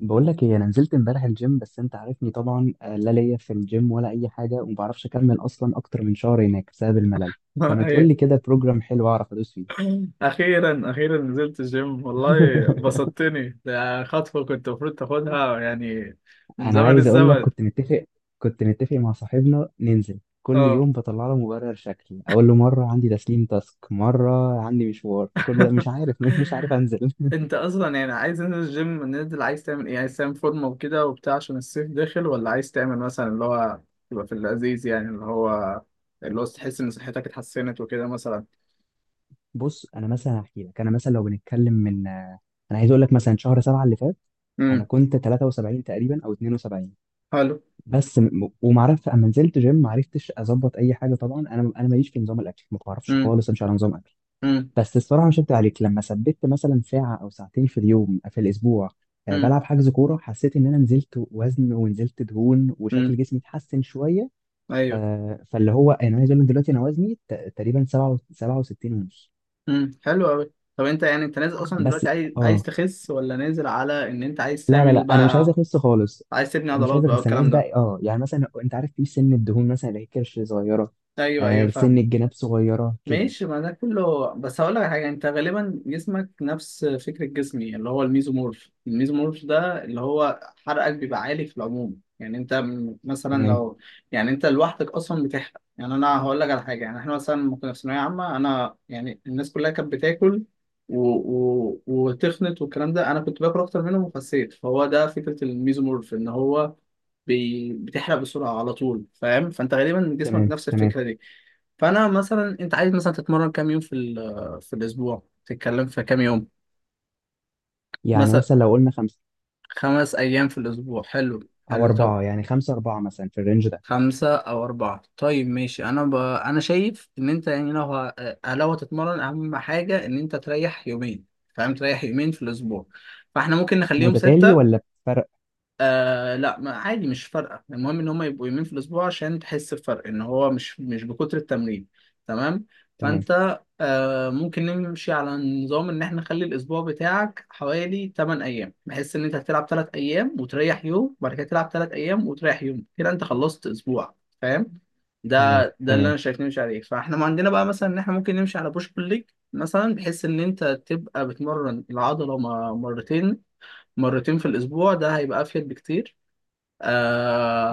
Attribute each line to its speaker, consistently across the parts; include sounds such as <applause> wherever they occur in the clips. Speaker 1: بقول لك ايه؟ انا نزلت امبارح الجيم، بس انت عارفني طبعا. لا ليا في الجيم ولا اي حاجه، وما بعرفش اكمل اصلا اكتر من شهر هناك بسبب الملل. فما تقول
Speaker 2: أيوة.
Speaker 1: لي كده بروجرام حلو اعرف ادوس فيه.
Speaker 2: اخيرا اخيرا نزلت الجيم والله
Speaker 1: <laughs>
Speaker 2: بسطتني. ده خطوه كنت المفروض تاخدها يعني من
Speaker 1: انا
Speaker 2: زمن
Speaker 1: عايز اقول لك،
Speaker 2: الزمن.
Speaker 1: كنت متفق مع صاحبنا ننزل كل
Speaker 2: اه
Speaker 1: يوم، بطلع له مبرر. شكل اقول له مره عندي تسليم تاسك، مره عندي مشوار، كل ده مش عارف. <laughs> مش عارف انزل.
Speaker 2: انت اصلا يعني عايز تنزل الجيم ننزل، عايز تعمل ايه؟ عايز تعمل فورمه وكده وبتاع عشان الصيف داخل، ولا عايز تعمل مثلا اللي هو تبقى في اللذيذ يعني اللي هو تحس ان صحتك اتحسنت وكده مثلا؟
Speaker 1: <laughs> بص، انا مثلا هحكي لك. انا مثلا لو بنتكلم من انا عايز اقول لك مثلا شهر 7 اللي فات انا
Speaker 2: امم،
Speaker 1: كنت 73 تقريبا او 72.
Speaker 2: حلو.
Speaker 1: ومعرفت اما نزلت جيم ما عرفتش اظبط اي حاجه. طبعا انا ماليش في نظام الاكل، ما بعرفش
Speaker 2: امم.
Speaker 1: خالص امشي على نظام اكل.
Speaker 2: امم.
Speaker 1: بس الصراحه مش هكدب عليك، لما ثبت مثلا ساعه او ساعتين في اليوم في الاسبوع
Speaker 2: امم.
Speaker 1: بلعب حجز كوره، حسيت ان انا نزلت وزن ونزلت دهون وشكل
Speaker 2: امم.
Speaker 1: جسمي اتحسن شويه.
Speaker 2: ايوه.
Speaker 1: فاللي هو يعني انا عايز اقول لك دلوقتي انا وزني تقريبا 67 ونص.
Speaker 2: امم، حلو قوي. طب انت يعني انت نازل اصلا
Speaker 1: بس
Speaker 2: دلوقتي، عايز
Speaker 1: اه،
Speaker 2: تخس، ولا نازل على ان انت عايز
Speaker 1: لا لا لا،
Speaker 2: تعمل
Speaker 1: انا مش عايز
Speaker 2: بقى
Speaker 1: اخس خالص.
Speaker 2: عايز تبني
Speaker 1: مش
Speaker 2: عضلات
Speaker 1: عايز
Speaker 2: بقى
Speaker 1: اخس. انا عايز
Speaker 2: والكلام ده؟
Speaker 1: بقى اه يعني، مثلا انت عارف، في سن الدهون مثلا اللي هي كرش صغيره.
Speaker 2: ايوه ايوه،
Speaker 1: آه، سن
Speaker 2: فاهم.
Speaker 1: الجناب صغيره كده.
Speaker 2: ماشي، ما ده كله، بس هقول لك على حاجه. انت غالبا جسمك نفس فكره جسمي، اللي هو الميزومورف. الميزومورف ده اللي هو حرقك بيبقى عالي في العموم. يعني انت مثلا
Speaker 1: تمام
Speaker 2: لو، يعني انت لوحدك اصلا بتحرق. يعني انا هقول لك على حاجه، يعني احنا مثلا لما كنا في ثانويه عامه، انا يعني الناس كلها كانت بتاكل وتخنت والكلام ده، انا كنت باكل اكتر منهم وخسيت. فهو ده فكره الميزومورف، ان هو بتحرق بسرعه على طول، فاهم؟ فانت غالبا جسمك
Speaker 1: تمام
Speaker 2: نفس
Speaker 1: تمام.
Speaker 2: الفكره دي. فانا مثلا، انت عايز مثلا تتمرن كام يوم في في الاسبوع؟ تتكلم في كام يوم
Speaker 1: يعني
Speaker 2: مثلا؟
Speaker 1: مثلا لو قلنا خمسه
Speaker 2: خمس ايام في الاسبوع، حلو
Speaker 1: او
Speaker 2: حلو. طب
Speaker 1: اربعه، يعني خمسه اربعه مثلا في الرينج ده.
Speaker 2: خمسة أو أربعة، طيب ماشي. أنا أنا شايف إن أنت يعني لو ه... آه، لو هتتمرن أهم حاجة إن أنت تريح يومين، فاهم، تريح يومين في الأسبوع. فإحنا ممكن نخليهم
Speaker 1: متتالي
Speaker 2: ستة.
Speaker 1: ولا بفرق؟
Speaker 2: لا، ما عادي، مش فارقة، المهم ان هم يبقوا يومين في الاسبوع عشان تحس بفرق ان هو مش بكتر التمرين. تمام.
Speaker 1: تمام
Speaker 2: فانت آه ممكن نمشي على نظام ان احنا نخلي الاسبوع بتاعك حوالي 8 ايام، بحيث ان انت هتلعب 3 ايام وتريح يوم، وبعد كده تلعب 3 ايام وتريح يوم، كده انت خلصت اسبوع، فاهم؟ ده
Speaker 1: تمام
Speaker 2: ده اللي انا
Speaker 1: تمام.
Speaker 2: شايف نمشي عليه. فاحنا ما عندنا بقى مثلا ان احنا ممكن نمشي على بوش بول ليج مثلا، بحيث ان انت تبقى بتمرن العضلة مرتين، مرتين في الأسبوع، ده هيبقى أفيد بكتير.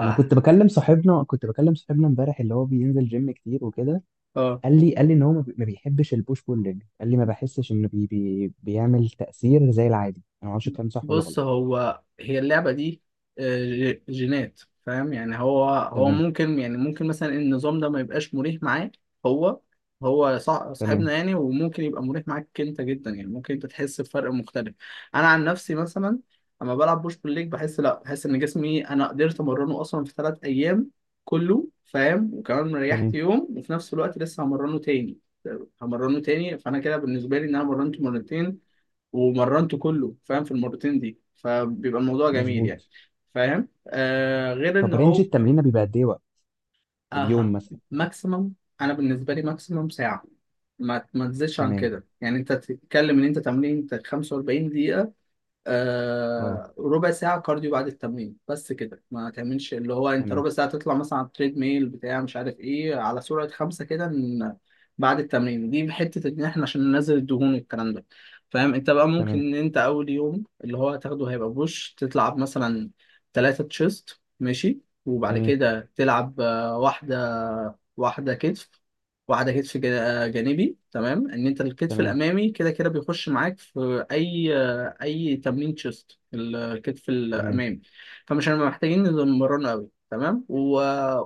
Speaker 1: انا كنت بكلم صاحبنا، امبارح، اللي هو بينزل جيم كتير وكده.
Speaker 2: آه.
Speaker 1: قال لي ان هو ما بيحبش البوش بول ليج. قال لي ما بحسش انه بي بي بيعمل تاثير زي العادي. انا ما اعرفش الكلام صح ولا
Speaker 2: بص،
Speaker 1: غلط.
Speaker 2: هو هي اللعبة دي آه، جينات، فاهم؟ يعني هو، هو
Speaker 1: تمام
Speaker 2: ممكن يعني ممكن مثلا النظام ده ما يبقاش مريح معاه هو هو،
Speaker 1: تمام
Speaker 2: صاحبنا يعني، وممكن يبقى مريح معاك انت جدا، يعني ممكن انت تحس بفرق مختلف. انا عن نفسي مثلا، اما بلعب بوش بول ليج بحس، لا بحس ان جسمي انا قدرت امرنه اصلا في ثلاث ايام كله، فاهم، وكمان ريحت
Speaker 1: تمام.
Speaker 2: يوم وفي نفس الوقت لسه همرنه تاني، آه، همرنه تاني. فانا كده بالنسبه لي، ان انا مرنته مرتين ومرنته كله، فاهم، في المرتين دي، فبيبقى الموضوع جميل يعني.
Speaker 1: مظبوط.
Speaker 2: فاهم؟ آه، غير ان
Speaker 1: طب رينج
Speaker 2: هو.
Speaker 1: التمرين بيبقى قد ايه وقت اليوم
Speaker 2: اها.
Speaker 1: مثلا؟
Speaker 2: ماكسيمم، انا بالنسبه لي ماكسيمم ساعه، ما تزيدش عن
Speaker 1: تمام.
Speaker 2: كده. يعني انت تتكلم ان انت تمرين 45 دقيقه،
Speaker 1: اه،
Speaker 2: آه، ربع ساعة كارديو بعد التمرين، بس كده. ما تعملش اللي هو انت
Speaker 1: تمام
Speaker 2: ربع ساعة تطلع مثلا على التريد ميل بتاع مش عارف ايه على سرعة خمسة كده بعد التمرين دي حتة ان احنا عشان ننزل الدهون والكلام ده، فاهم؟ انت بقى ممكن
Speaker 1: تمام
Speaker 2: ان انت اول يوم اللي هو هتاخده هيبقى بوش، تلعب مثلا تلاتة تشيست ماشي، وبعد
Speaker 1: تمام.
Speaker 2: كده تلعب آه، واحدة واحدة كتف، واحدة كتف جانبي، تمام، ان انت الكتف
Speaker 1: تمام
Speaker 2: الامامي كده كده بيخش معاك في اي تمرين تشيست، الكتف
Speaker 1: تمام
Speaker 2: الامامي، فمش هنبقى محتاجين نمرنه قوي، تمام. و...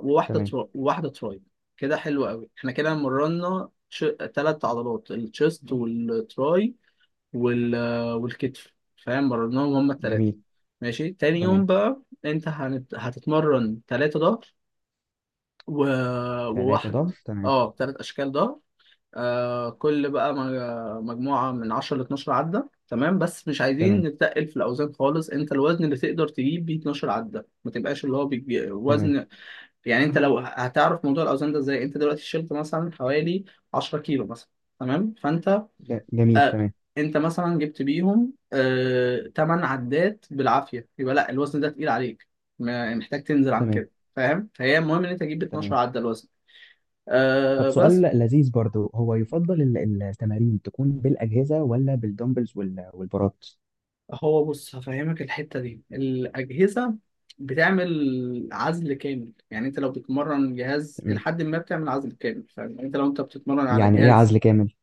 Speaker 2: وواحده
Speaker 1: تمام.
Speaker 2: وواحده تراي. كده حلو قوي، احنا كده تلات عضلات، التشيست والتراي وال... والكتف، فاهم، مرناهم هما التلاتة،
Speaker 1: جميل
Speaker 2: ماشي. تاني يوم
Speaker 1: تمام.
Speaker 2: بقى انت هتتمرن تلاتة ظهر، و...
Speaker 1: ثلاثة
Speaker 2: وواحد.
Speaker 1: ضغط تمام.
Speaker 2: اه، تلات اشكال ظهر. آه، كل بقى مجموعة من 10 ل 12 عدة، تمام، بس مش عايزين
Speaker 1: تمام
Speaker 2: نتقل في الأوزان خالص. أنت الوزن اللي تقدر تجيب بيه 12 عدة، ما تبقاش اللي هو بيجي
Speaker 1: تمام.
Speaker 2: وزن يعني. أنت لو هتعرف موضوع الأوزان ده إزاي، أنت دلوقتي شلت مثلا حوالي 10 كيلو مثلا، تمام، فأنت
Speaker 1: جميل
Speaker 2: آه
Speaker 1: تمام.
Speaker 2: أنت مثلا جبت بيهم آه 8 عدات بالعافية، يبقى لا الوزن ده تقيل عليك، محتاج تنزل عن
Speaker 1: تمام
Speaker 2: كده، فاهم؟ فهي المهم إن أنت تجيب 12
Speaker 1: تمام
Speaker 2: عدة الوزن.
Speaker 1: طب
Speaker 2: آه،
Speaker 1: سؤال
Speaker 2: بس.
Speaker 1: لذيذ برضو، هو يفضل التمارين تكون بالأجهزة ولا بالدمبلز والبارات؟
Speaker 2: هو بص، هفهمك الحتة دي. الأجهزة بتعمل عزل كامل، يعني انت لو بتتمرن جهاز
Speaker 1: تمام.
Speaker 2: لحد ما بتعمل عزل كامل، فاهم، يعني انت لو انت بتتمرن على
Speaker 1: يعني ايه
Speaker 2: جهاز
Speaker 1: عزل كامل؟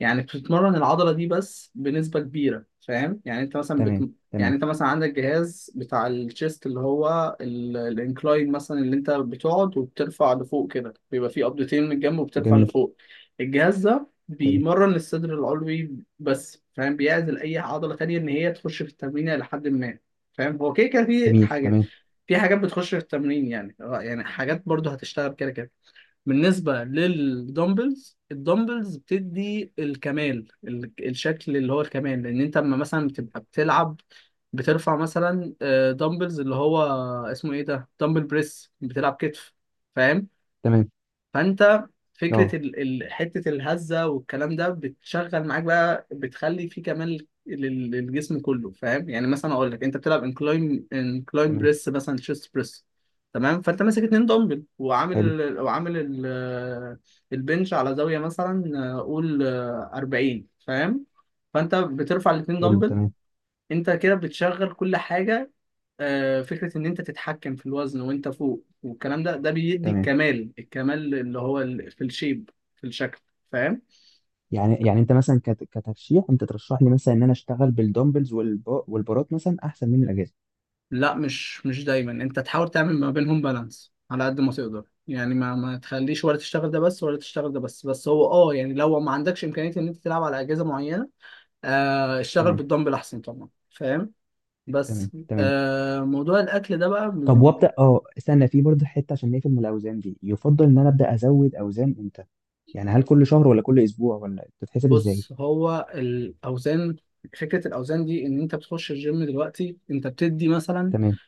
Speaker 2: يعني بتتمرن العضلة دي بس بنسبة كبيرة، فاهم؟ يعني انت مثلا
Speaker 1: تمام
Speaker 2: يعني
Speaker 1: تمام.
Speaker 2: انت مثلا عندك جهاز بتاع الشيست، اللي هو الانكلاين مثلا، اللي انت بتقعد وبترفع لفوق كده، بيبقى فيه قبضتين من الجنب وبترفع
Speaker 1: جميل.
Speaker 2: لفوق. الجهاز ده
Speaker 1: حلو.
Speaker 2: بيمرن الصدر العلوي بس، فاهم، بيعزل اي عضلة تانية ان هي تخش في التمرين الى حد ما. فاهم؟ هو كده كده في
Speaker 1: جميل
Speaker 2: حاجات،
Speaker 1: تمام
Speaker 2: في حاجات بتخش في التمرين يعني، يعني حاجات برضه هتشتغل كده كده. بالنسبة للدمبلز، الدمبلز بتدي الكمال، الشكل اللي هو الكمال، لأن أنت أما مثلا بتبقى بتلعب بترفع مثلا آه، دمبلز اللي هو اسمه إيه ده، دمبل بريس بتلعب كتف، فاهم؟
Speaker 1: تمام.
Speaker 2: فانت فكره
Speaker 1: اه
Speaker 2: حته الهزه والكلام ده بتشغل معاك بقى، بتخلي في كمال للجسم كله، فاهم؟ يعني مثلا اقول لك انت بتلعب انكلاين، انكلاين
Speaker 1: تمام.
Speaker 2: بريس مثلا، تشيست بريس، تمام، فانت ماسك اتنين دمبل
Speaker 1: حلو
Speaker 2: وعامل البنش على زاويه مثلا آه، قول آه، 40، فاهم؟ فانت بترفع الاتنين
Speaker 1: حلو.
Speaker 2: دمبل،
Speaker 1: تمام
Speaker 2: انت كده بتشغل كل حاجه. آه، فكرة إن أنت تتحكم في الوزن وأنت فوق والكلام ده، ده بيدي
Speaker 1: تمام.
Speaker 2: الكمال، الكمال اللي هو في الشيب، في الشكل، فاهم؟
Speaker 1: يعني يعني انت مثلا كترشيح، انت ترشح لي مثلا ان انا اشتغل بالدمبلز والبارات مثلا احسن من الاجهزه؟
Speaker 2: لا، مش دايما، أنت تحاول تعمل ما بينهم بالانس على قد ما تقدر، يعني ما تخليش ولا تشتغل ده بس ولا تشتغل ده بس، بس هو أه يعني لو ما عندكش إمكانية إن أنت تلعب على أجهزة معينة، آه، اشتغل
Speaker 1: تمام
Speaker 2: بالدمبل أحسن طبعا، فاهم؟ بس
Speaker 1: تمام تمام.
Speaker 2: آه، موضوع الأكل ده بقى.
Speaker 1: طب وابدا اه، استنى في برضه حته عشان نقفل من الاوزان دي. يفضل ان انا ابدا ازود اوزان امتى؟ يعني هل كل شهر ولا كل اسبوع، ولا بتتحسب ازاي؟
Speaker 2: بص، هو الاوزان، فكره الاوزان دي ان انت بتخش الجيم دلوقتي انت بتدي مثلا
Speaker 1: تمام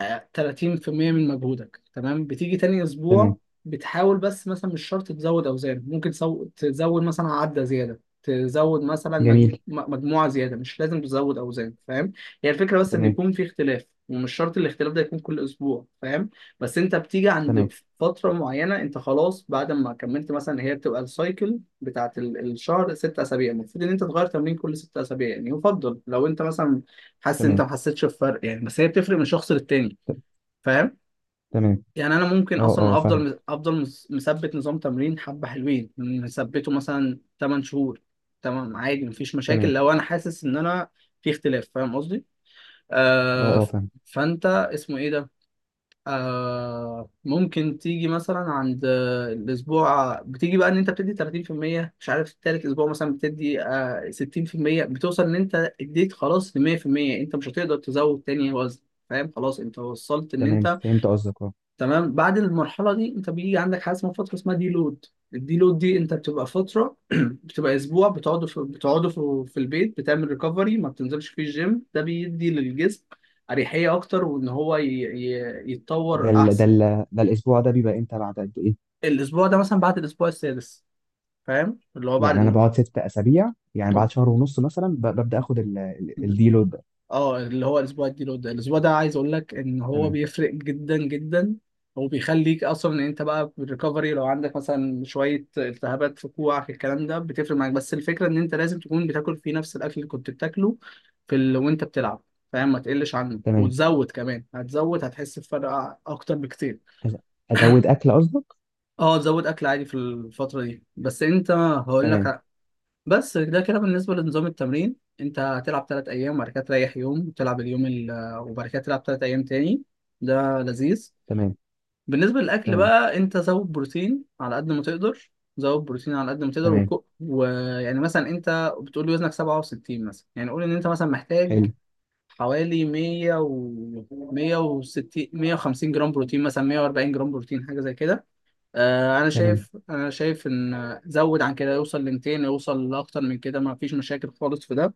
Speaker 2: آه، 30% من مجهودك، تمام، بتيجي تاني اسبوع
Speaker 1: تمام.
Speaker 2: بتحاول بس مثلا مش شرط تزود اوزان، ممكن تزود مثلا عدة زيادة، تزود مثلا
Speaker 1: جميل.
Speaker 2: مجموعة زيادة، مش لازم تزود اوزان، فاهم؟ هي الفكرة بس ان
Speaker 1: تمام
Speaker 2: يكون في اختلاف، ومش شرط الاختلاف ده يكون كل اسبوع، فاهم؟ بس انت بتيجي
Speaker 1: تمام
Speaker 2: عند فترة معينة انت خلاص بعد ما كملت مثلا، هي بتبقى السايكل بتاعت الشهر ست اسابيع، المفروض ان انت تغير تمرين كل ست اسابيع، يعني يفضل لو انت مثلا حاسس ان انت ما
Speaker 1: تمام.
Speaker 2: حسيتش بفرق، يعني بس هي بتفرق من شخص للتاني،
Speaker 1: ت-
Speaker 2: فاهم؟
Speaker 1: تمام.
Speaker 2: يعني انا ممكن
Speaker 1: اه اه
Speaker 2: اصلا
Speaker 1: فاهم.
Speaker 2: افضل مثبت نظام تمرين حبه حلوين مثبته مثلا 8 شهور، تمام عادي، مفيش مشاكل،
Speaker 1: تمام.
Speaker 2: لو انا حاسس ان انا في اختلاف، فاهم قصدي؟
Speaker 1: اه
Speaker 2: آه
Speaker 1: اه
Speaker 2: ف-
Speaker 1: فاهم.
Speaker 2: فانت اسمه ايه ده، آه ممكن تيجي مثلا عند آه، الاسبوع بتيجي بقى ان انت بتدي 30% مش عارف، التالت اسبوع مثلا بتدي آه 60%، بتوصل ان انت اديت خلاص ل 100%، انت مش هتقدر تزود تاني وزن، فاهم؟ خلاص انت وصلت ان
Speaker 1: تمام
Speaker 2: انت.
Speaker 1: فهمت قصدك اه.
Speaker 2: تمام. بعد المرحله دي انت بيجي عندك حاجه اسمها فتره اسمها دي لود. الدي لود دي انت بتبقى فتره <clears throat> بتبقى اسبوع، في البيت بتعمل ريكفري، ما بتنزلش فيه الجيم، ده بيدي للجسم اريحيه اكتر وان هو يتطور
Speaker 1: ده ال... ده
Speaker 2: احسن.
Speaker 1: ال... ده الاسبوع ده بيبقى امتى بعد قد ايه؟
Speaker 2: الاسبوع ده مثلا بعد الاسبوع السادس، فاهم، اللي هو بعد
Speaker 1: يعني انا
Speaker 2: الاسبوع.
Speaker 1: بقعد 6 اسابيع، يعني بعد شهر ونص مثلا ببدا اخد
Speaker 2: طب
Speaker 1: الديلود ده.
Speaker 2: اه اللي هو الاسبوع الديلو ده، الاسبوع ده عايز اقول لك ان هو
Speaker 1: تمام
Speaker 2: بيفرق جدا جدا، هو بيخليك اصلا ان انت بقى بالريكفري، لو عندك مثلا شويه التهابات في كوعك الكلام ده بتفرق معاك. بس الفكره ان انت لازم تكون بتاكل فيه نفس الاكل اللي كنت بتاكله في وانت بتلعب، فاهم، ما تقلش عنه،
Speaker 1: تمام.
Speaker 2: وتزود كمان، هتزود هتحس بفرق اكتر بكتير.
Speaker 1: أز- ازود اكل قصدك؟
Speaker 2: اه تزود اكل عادي في الفتره دي، بس انت هقول
Speaker 1: تمام
Speaker 2: لك. بس ده كده بالنسبة لنظام التمرين. انت هتلعب تلات ايام وبعد كده تريح يوم، وتلعب اليوم ال... آه، وبعد كده تلعب تلات ايام تاني، ده لذيذ.
Speaker 1: تمام
Speaker 2: بالنسبة للاكل
Speaker 1: تمام
Speaker 2: بقى، انت زود بروتين على قد ما تقدر، زود بروتين على قد ما تقدر،
Speaker 1: تمام.
Speaker 2: ويعني مثلا انت بتقول لي وزنك 67 مثلا، يعني قول ان انت مثلا محتاج
Speaker 1: حلو.
Speaker 2: حوالي 100 و 160 150 جرام بروتين مثلا، 140 جرام بروتين، حاجة زي كده. آه، انا
Speaker 1: تمام
Speaker 2: شايف انا شايف ان زود عن كده، يوصل ل 200، يوصل لاكتر من كده، ما فيش مشاكل خالص في ده.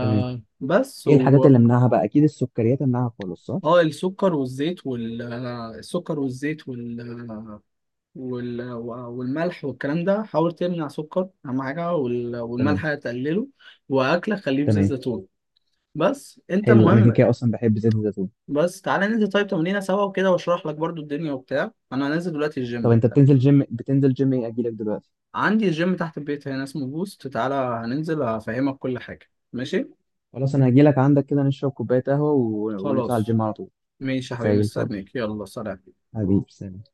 Speaker 1: تمام.
Speaker 2: بس،
Speaker 1: ايه
Speaker 2: و.
Speaker 1: الحاجات اللي امنعها بقى؟ اكيد السكريات امنعها خالص، صح؟
Speaker 2: اه، السكر والزيت آه، والملح والكلام ده، حاول تمنع سكر اهم حاجه،
Speaker 1: تمام
Speaker 2: والملح تقلله، واكلك خليه بزيت
Speaker 1: تمام.
Speaker 2: زيتون، بس انت
Speaker 1: حلو، انا كده
Speaker 2: مهم.
Speaker 1: كده اصلا بحب زيت الزيتون.
Speaker 2: بس تعالى ننزل طيب تمرينه سوا وكده، واشرح لك برضو الدنيا وبتاع، انا هنزل دلوقتي
Speaker 1: طب
Speaker 2: الجيم،
Speaker 1: انت بتنزل جيم، بتنزل جيم ايه؟ اجي لك دلوقتي؟
Speaker 2: عندي الجيم تحت البيت هنا اسمه بوست، تعالى هننزل هفهمك كل حاجة، ماشي؟
Speaker 1: خلاص انا هجي لك عندك كده، نشرب كوبايه قهوه ونطلع
Speaker 2: خلاص
Speaker 1: الجيم على طول.
Speaker 2: ماشي يا حبيبي،
Speaker 1: زي الفل.
Speaker 2: مستنيك، يلا سلام.
Speaker 1: حبيبي، سلام.